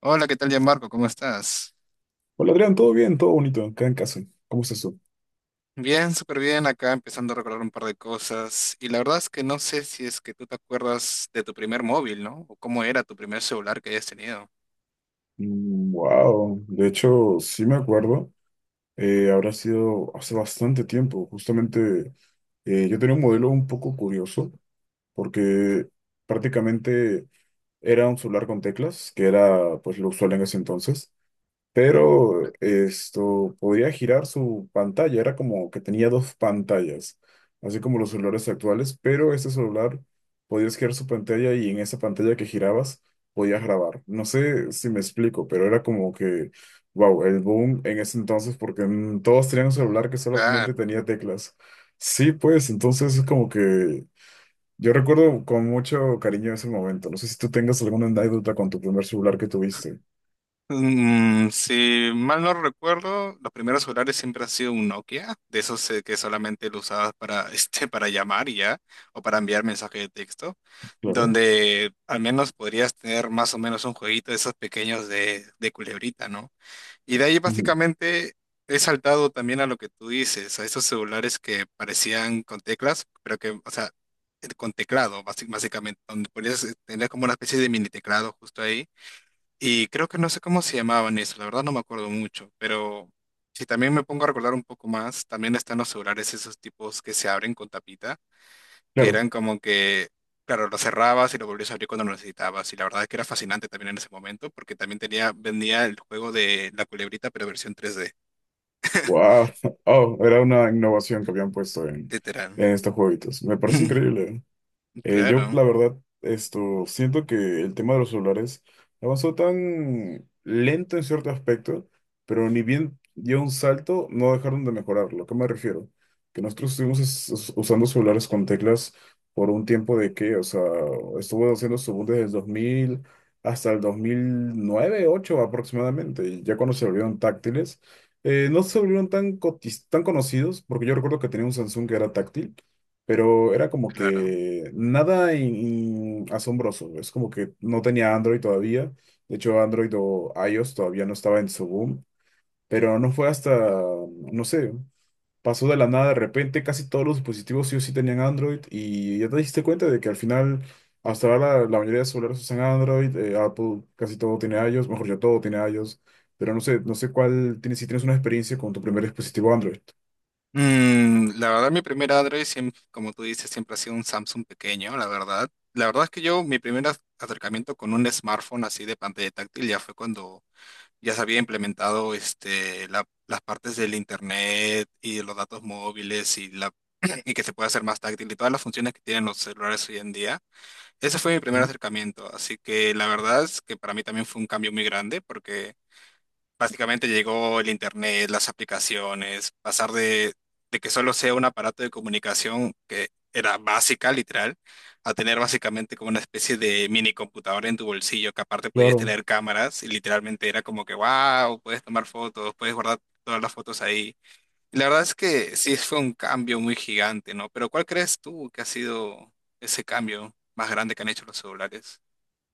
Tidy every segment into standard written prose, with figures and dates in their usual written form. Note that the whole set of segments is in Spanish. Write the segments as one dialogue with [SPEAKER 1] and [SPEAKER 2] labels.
[SPEAKER 1] Hola, ¿qué tal, Gianmarco? ¿Cómo estás?
[SPEAKER 2] Hola Adrián, todo bien, todo bonito, acá en casa. ¿Cómo es eso?
[SPEAKER 1] Bien, súper bien, acá empezando a recordar un par de cosas. Y la verdad es que no sé si es que tú te acuerdas de tu primer móvil, ¿no? O cómo era tu primer celular que hayas tenido.
[SPEAKER 2] Wow, de hecho, sí me acuerdo. Habrá sido hace bastante tiempo. Justamente yo tenía un modelo un poco curioso porque prácticamente era un celular con teclas, que era pues lo usual en ese entonces. Pero esto podía girar su pantalla, era como que tenía dos pantallas, así como los celulares actuales, pero este celular podías girar su pantalla y en esa pantalla que girabas podías grabar. No sé si me explico, pero era como que, wow, el boom en ese entonces porque todos tenían un celular que
[SPEAKER 1] Claro.
[SPEAKER 2] solamente tenía teclas. Sí, pues entonces es como que yo recuerdo con mucho cariño ese momento. No sé si tú tengas alguna anécdota con tu primer celular que tuviste.
[SPEAKER 1] Si mal no recuerdo, los primeros celulares siempre ha sido un Nokia, de esos que solamente lo usabas para, este, para llamar y ya, o para enviar mensaje de texto,
[SPEAKER 2] Claro.
[SPEAKER 1] donde al menos podrías tener más o menos un jueguito de esos pequeños de culebrita, ¿no? Y de ahí
[SPEAKER 2] Ujú.
[SPEAKER 1] básicamente he saltado también a lo que tú dices, a esos celulares que parecían con teclas, pero que, o sea, con teclado, básicamente, donde podías tener como una especie de mini teclado justo ahí. Y creo que no sé cómo se llamaban eso, la verdad no me acuerdo mucho, pero si también me pongo a recordar un poco más, también están los celulares esos tipos que se abren con tapita que
[SPEAKER 2] Claro.
[SPEAKER 1] eran como que, claro, lo cerrabas y lo volvías a abrir cuando lo necesitabas. Y la verdad es que era fascinante también en ese momento, porque también tenía, vendía el juego de la culebrita, pero versión tres d
[SPEAKER 2] Wow. Oh, era una innovación que habían puesto en,
[SPEAKER 1] literal.
[SPEAKER 2] en estos jueguitos. Me parece increíble. Yo,
[SPEAKER 1] Claro,
[SPEAKER 2] la verdad, esto, siento que el tema de los celulares avanzó tan lento en cierto aspecto, pero ni bien dio un salto, no dejaron de mejorarlo. ¿A qué me refiero? Que nosotros estuvimos usando celulares con teclas por un tiempo de que, o sea, estuvo haciendo su boom desde el 2000 hasta el dos mil nueve ocho aproximadamente, y ya cuando se volvieron táctiles, no se volvieron tan conocidos, porque yo recuerdo que tenía un Samsung que era táctil, pero era como
[SPEAKER 1] claro.
[SPEAKER 2] que nada asombroso. Es como que no tenía Android todavía. De hecho, Android o iOS todavía no estaba en su boom, pero no fue hasta, no sé, pasó de la nada de repente. Casi todos los dispositivos sí o sí tenían Android y ya te diste cuenta de que al final, hasta ahora la mayoría de celulares usan Android, Apple casi todo tiene iOS, mejor ya todo tiene iOS. Pero no sé, no sé cuál tienes, si tienes una experiencia con tu primer dispositivo Android.
[SPEAKER 1] La verdad, mi primer Android, siempre, como tú dices, siempre ha sido un Samsung pequeño, la verdad. La verdad es que yo, mi primer acercamiento con un smartphone así de pantalla táctil ya fue cuando ya se había implementado este, las partes del internet y de los datos móviles y, la, y que se puede hacer más táctil y todas las funciones que tienen los celulares hoy en día. Ese fue mi primer
[SPEAKER 2] Mm.
[SPEAKER 1] acercamiento, así que la verdad es que para mí también fue un cambio muy grande porque básicamente llegó el internet, las aplicaciones, pasar de que solo sea un aparato de comunicación que era básica, literal, a tener básicamente como una especie de mini computadora en tu bolsillo, que aparte podías
[SPEAKER 2] Claro.
[SPEAKER 1] tener cámaras y literalmente era como que, wow, puedes tomar fotos, puedes guardar todas las fotos ahí. Y la verdad es que sí fue un cambio muy gigante, ¿no? Pero ¿cuál crees tú que ha sido ese cambio más grande que han hecho los celulares?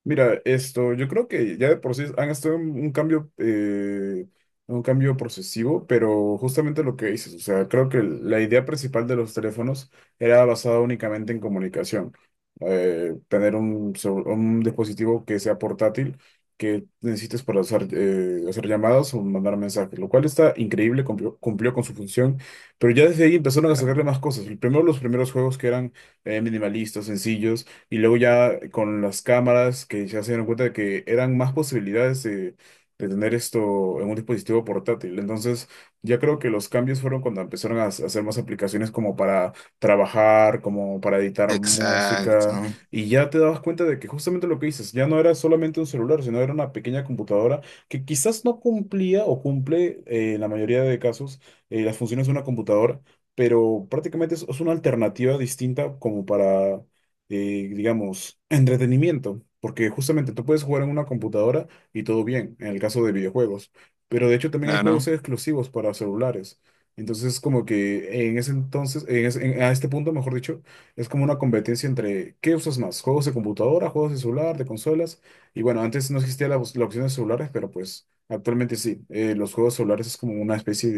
[SPEAKER 2] Mira, esto, yo creo que ya de por sí han estado en un cambio procesivo, pero justamente lo que dices, o sea, creo que la idea principal de los teléfonos era basada únicamente en comunicación. Tener un, un dispositivo que sea portátil, que necesites para hacer, hacer llamadas o mandar mensajes, lo cual está increíble, cumplió, cumplió con su función, pero ya desde ahí empezaron a sacarle
[SPEAKER 1] Claro.
[SPEAKER 2] más cosas. Primero, los primeros juegos que eran minimalistas, sencillos, y luego ya con las cámaras que ya se dieron cuenta de que eran más posibilidades de tener esto en un dispositivo portátil. Entonces, ya creo que los cambios fueron cuando empezaron a hacer más aplicaciones como para trabajar, como para editar
[SPEAKER 1] Exacto,
[SPEAKER 2] música. Y ya te dabas cuenta de que justamente lo que dices, ya no era solamente un celular, sino era una pequeña computadora que quizás no cumplía o cumple en la mayoría de casos las funciones de una computadora. Pero prácticamente es una alternativa distinta como para digamos, entretenimiento, porque justamente tú puedes jugar en una computadora y todo bien, en el caso de videojuegos, pero de hecho también hay
[SPEAKER 1] claro.
[SPEAKER 2] juegos exclusivos para celulares. Entonces, como que en ese entonces, a este punto, mejor dicho, es como una competencia entre qué usas más, juegos de computadora, juegos de celular, de consolas. Y bueno, antes no existía la opción de celulares, pero pues actualmente sí. Los juegos celulares es como una especie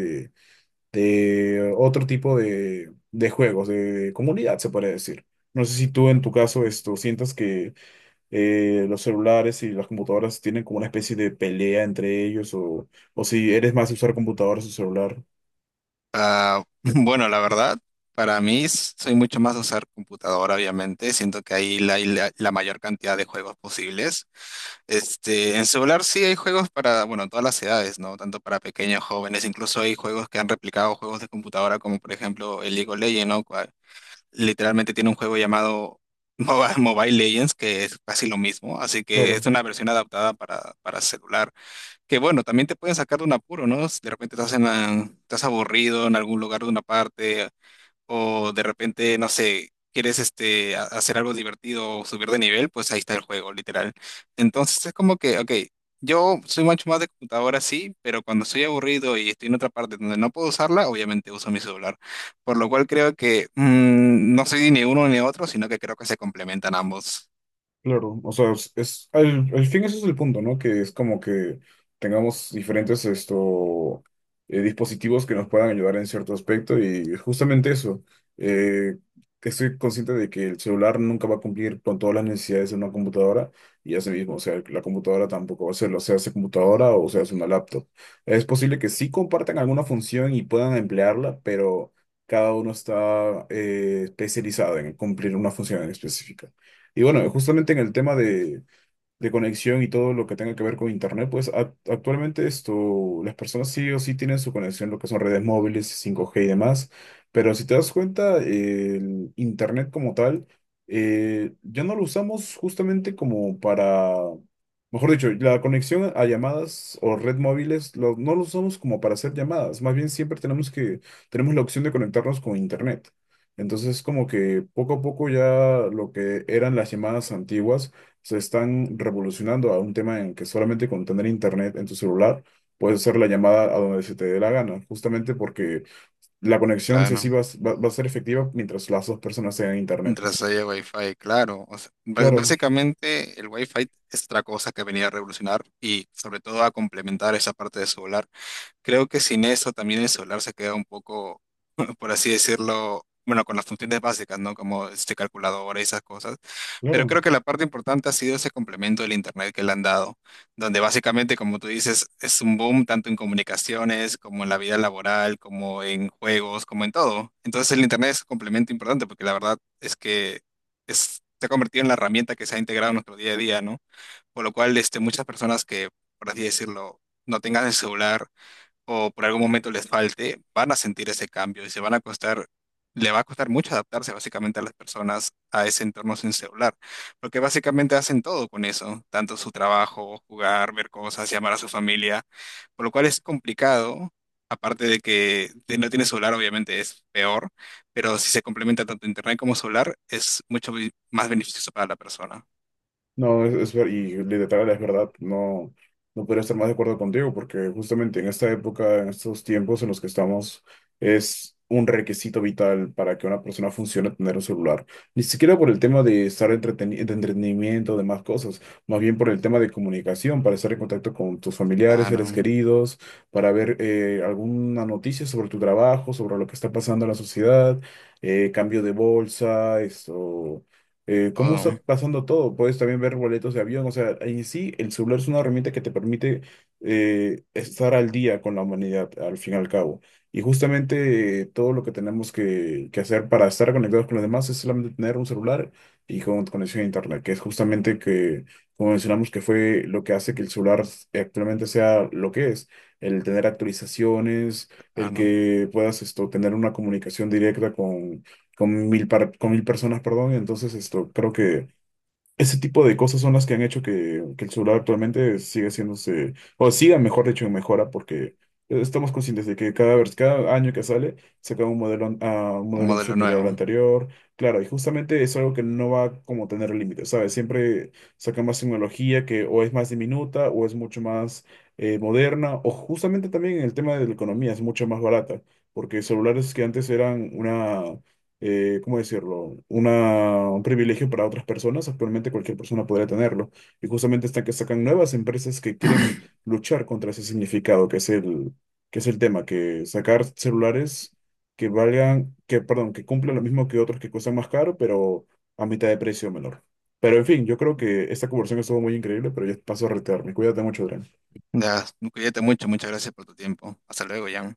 [SPEAKER 2] de otro tipo de juegos, de comunidad, se podría decir. No sé si tú en tu caso esto sientas que los celulares y las computadoras tienen como una especie de pelea entre ellos, o si eres más de usar computadoras o celular.
[SPEAKER 1] Ah, bueno, la verdad, para mí soy mucho más de usar computadora, obviamente. Siento que ahí hay la, la mayor cantidad de juegos posibles. Este, en celular sí hay juegos para, bueno, todas las edades, ¿no? Tanto para pequeños, jóvenes, incluso hay juegos que han replicado juegos de computadora, como por ejemplo el League of Legends, ¿no? Cual- literalmente tiene un juego llamado Mobile, Mobile Legends, que es casi lo mismo. Así que es
[SPEAKER 2] Claro.
[SPEAKER 1] una versión adaptada para celular. Que bueno, también te pueden sacar de un apuro, ¿no? Si de repente estás, estás aburrido en algún lugar de una parte o de repente, no sé, quieres este, hacer algo divertido o subir de nivel, pues ahí está el juego, literal. Entonces es como que, ok, yo soy mucho más de computadora, sí, pero cuando estoy aburrido y estoy en otra parte donde no puedo usarla, obviamente uso mi celular. Por lo cual creo que no soy ni uno ni otro, sino que creo que se complementan ambos.
[SPEAKER 2] Claro, o sea, al fin ese es el punto, ¿no? Que es como que tengamos diferentes esto, dispositivos que nos puedan ayudar en cierto aspecto y justamente eso, eh, que estoy consciente de que el celular nunca va a cumplir con todas las necesidades de una computadora y, así mismo, o sea, la computadora tampoco va a hacerlo, sea hace computadora o sea hace una laptop. Es posible que sí compartan alguna función y puedan emplearla, pero cada uno está especializado en cumplir una función en específica. Y bueno, justamente en el tema de, conexión y todo lo que tenga que ver con internet, pues actualmente esto, las personas sí o sí tienen su conexión, lo que son redes móviles, 5G y demás, pero si te das cuenta, el internet como tal, ya no lo usamos justamente como para, mejor dicho, la conexión a llamadas o red móviles, no lo usamos como para hacer llamadas, más bien siempre tenemos la opción de conectarnos con internet. Entonces, como que poco a poco ya lo que eran las llamadas antiguas, se están revolucionando a un tema en que solamente con tener internet en tu celular puedes hacer la llamada a donde se te dé la gana, justamente porque la conexión sí, sí
[SPEAKER 1] Claro.
[SPEAKER 2] va a ser efectiva mientras las dos personas tengan internet.
[SPEAKER 1] Mientras haya Wi-Fi, claro. O sea,
[SPEAKER 2] Claro,
[SPEAKER 1] básicamente el Wi-Fi es otra cosa que venía a revolucionar y sobre todo a complementar esa parte de solar. Creo que sin eso también el celular se queda un poco, por así decirlo, bueno, con las funciones básicas, ¿no? Como este calculadora y esas cosas. Pero
[SPEAKER 2] claro.
[SPEAKER 1] creo que la parte importante ha sido ese complemento del Internet que le han dado, donde básicamente, como tú dices, es un boom tanto en comunicaciones como en la vida laboral, como en juegos, como en todo. Entonces el Internet es un complemento importante porque la verdad es que se ha convertido en la herramienta que se ha integrado en nuestro día a día, ¿no? Por lo cual, este, muchas personas que, por así decirlo, no tengan el celular, o por algún momento les falte, van a sentir ese cambio y se van a costar, le va a costar mucho adaptarse básicamente a las personas a ese entorno sin celular, porque básicamente hacen todo con eso, tanto su trabajo, jugar, ver cosas, llamar a su familia, por lo cual es complicado. Aparte de que si no tiene celular, obviamente es peor, pero si se complementa tanto internet como solar es mucho más beneficioso para la persona.
[SPEAKER 2] No, y literal, es verdad, no, no podría estar más de acuerdo contigo, porque justamente en esta época, en estos tiempos en los que estamos, es un requisito vital para que una persona funcione tener un celular. Ni siquiera por el tema de estar de entretenimiento, de más cosas, más bien por el tema de comunicación, para estar en contacto con tus familiares,
[SPEAKER 1] Ah,
[SPEAKER 2] seres
[SPEAKER 1] no.
[SPEAKER 2] queridos, para ver alguna noticia sobre tu trabajo, sobre lo que está pasando en la sociedad, cambio de bolsa, esto, cómo está
[SPEAKER 1] Todo.
[SPEAKER 2] pasando todo. Puedes también ver boletos de avión. O sea, en sí, el celular es una herramienta que te permite estar al día con la humanidad, al fin y al cabo. Y justamente todo lo que tenemos que hacer para estar conectados con los demás es solamente tener un celular y con conexión a Internet, que es justamente que, como mencionamos, que fue lo que hace que el celular actualmente sea lo que es, el tener actualizaciones,
[SPEAKER 1] Ah,
[SPEAKER 2] el
[SPEAKER 1] no.
[SPEAKER 2] que puedas esto, tener una comunicación directa con con mil personas, perdón. Entonces, esto, creo que ese tipo de cosas son las que han hecho que el celular actualmente siga haciéndose, o siga, mejor dicho, en mejora, porque estamos conscientes de que vez cada año que sale, saca un modelo, un
[SPEAKER 1] Un
[SPEAKER 2] modelo
[SPEAKER 1] modelo
[SPEAKER 2] superior al
[SPEAKER 1] nuevo.
[SPEAKER 2] anterior. Claro, y justamente es algo que no va como a tener límites, ¿sabes? Siempre sacan más tecnología que o es más diminuta o es mucho más moderna, o justamente también en el tema de la economía es mucho más barata, porque celulares que antes eran una ¿cómo decirlo? Un privilegio para otras personas. Actualmente cualquier persona podría tenerlo. Y justamente están que sacan nuevas empresas que quieren luchar contra ese significado, que es el, tema, que sacar celulares que valgan, que, perdón, que cumplan lo mismo que otros que cuestan más caro, pero a mitad de precio menor. Pero en fin, yo creo que esta conversación estuvo muy increíble, pero yo paso a retirarme. Cuídate mucho, Adrián.
[SPEAKER 1] Ya, cuídate mucho, muchas gracias por tu tiempo. Hasta luego, Jan.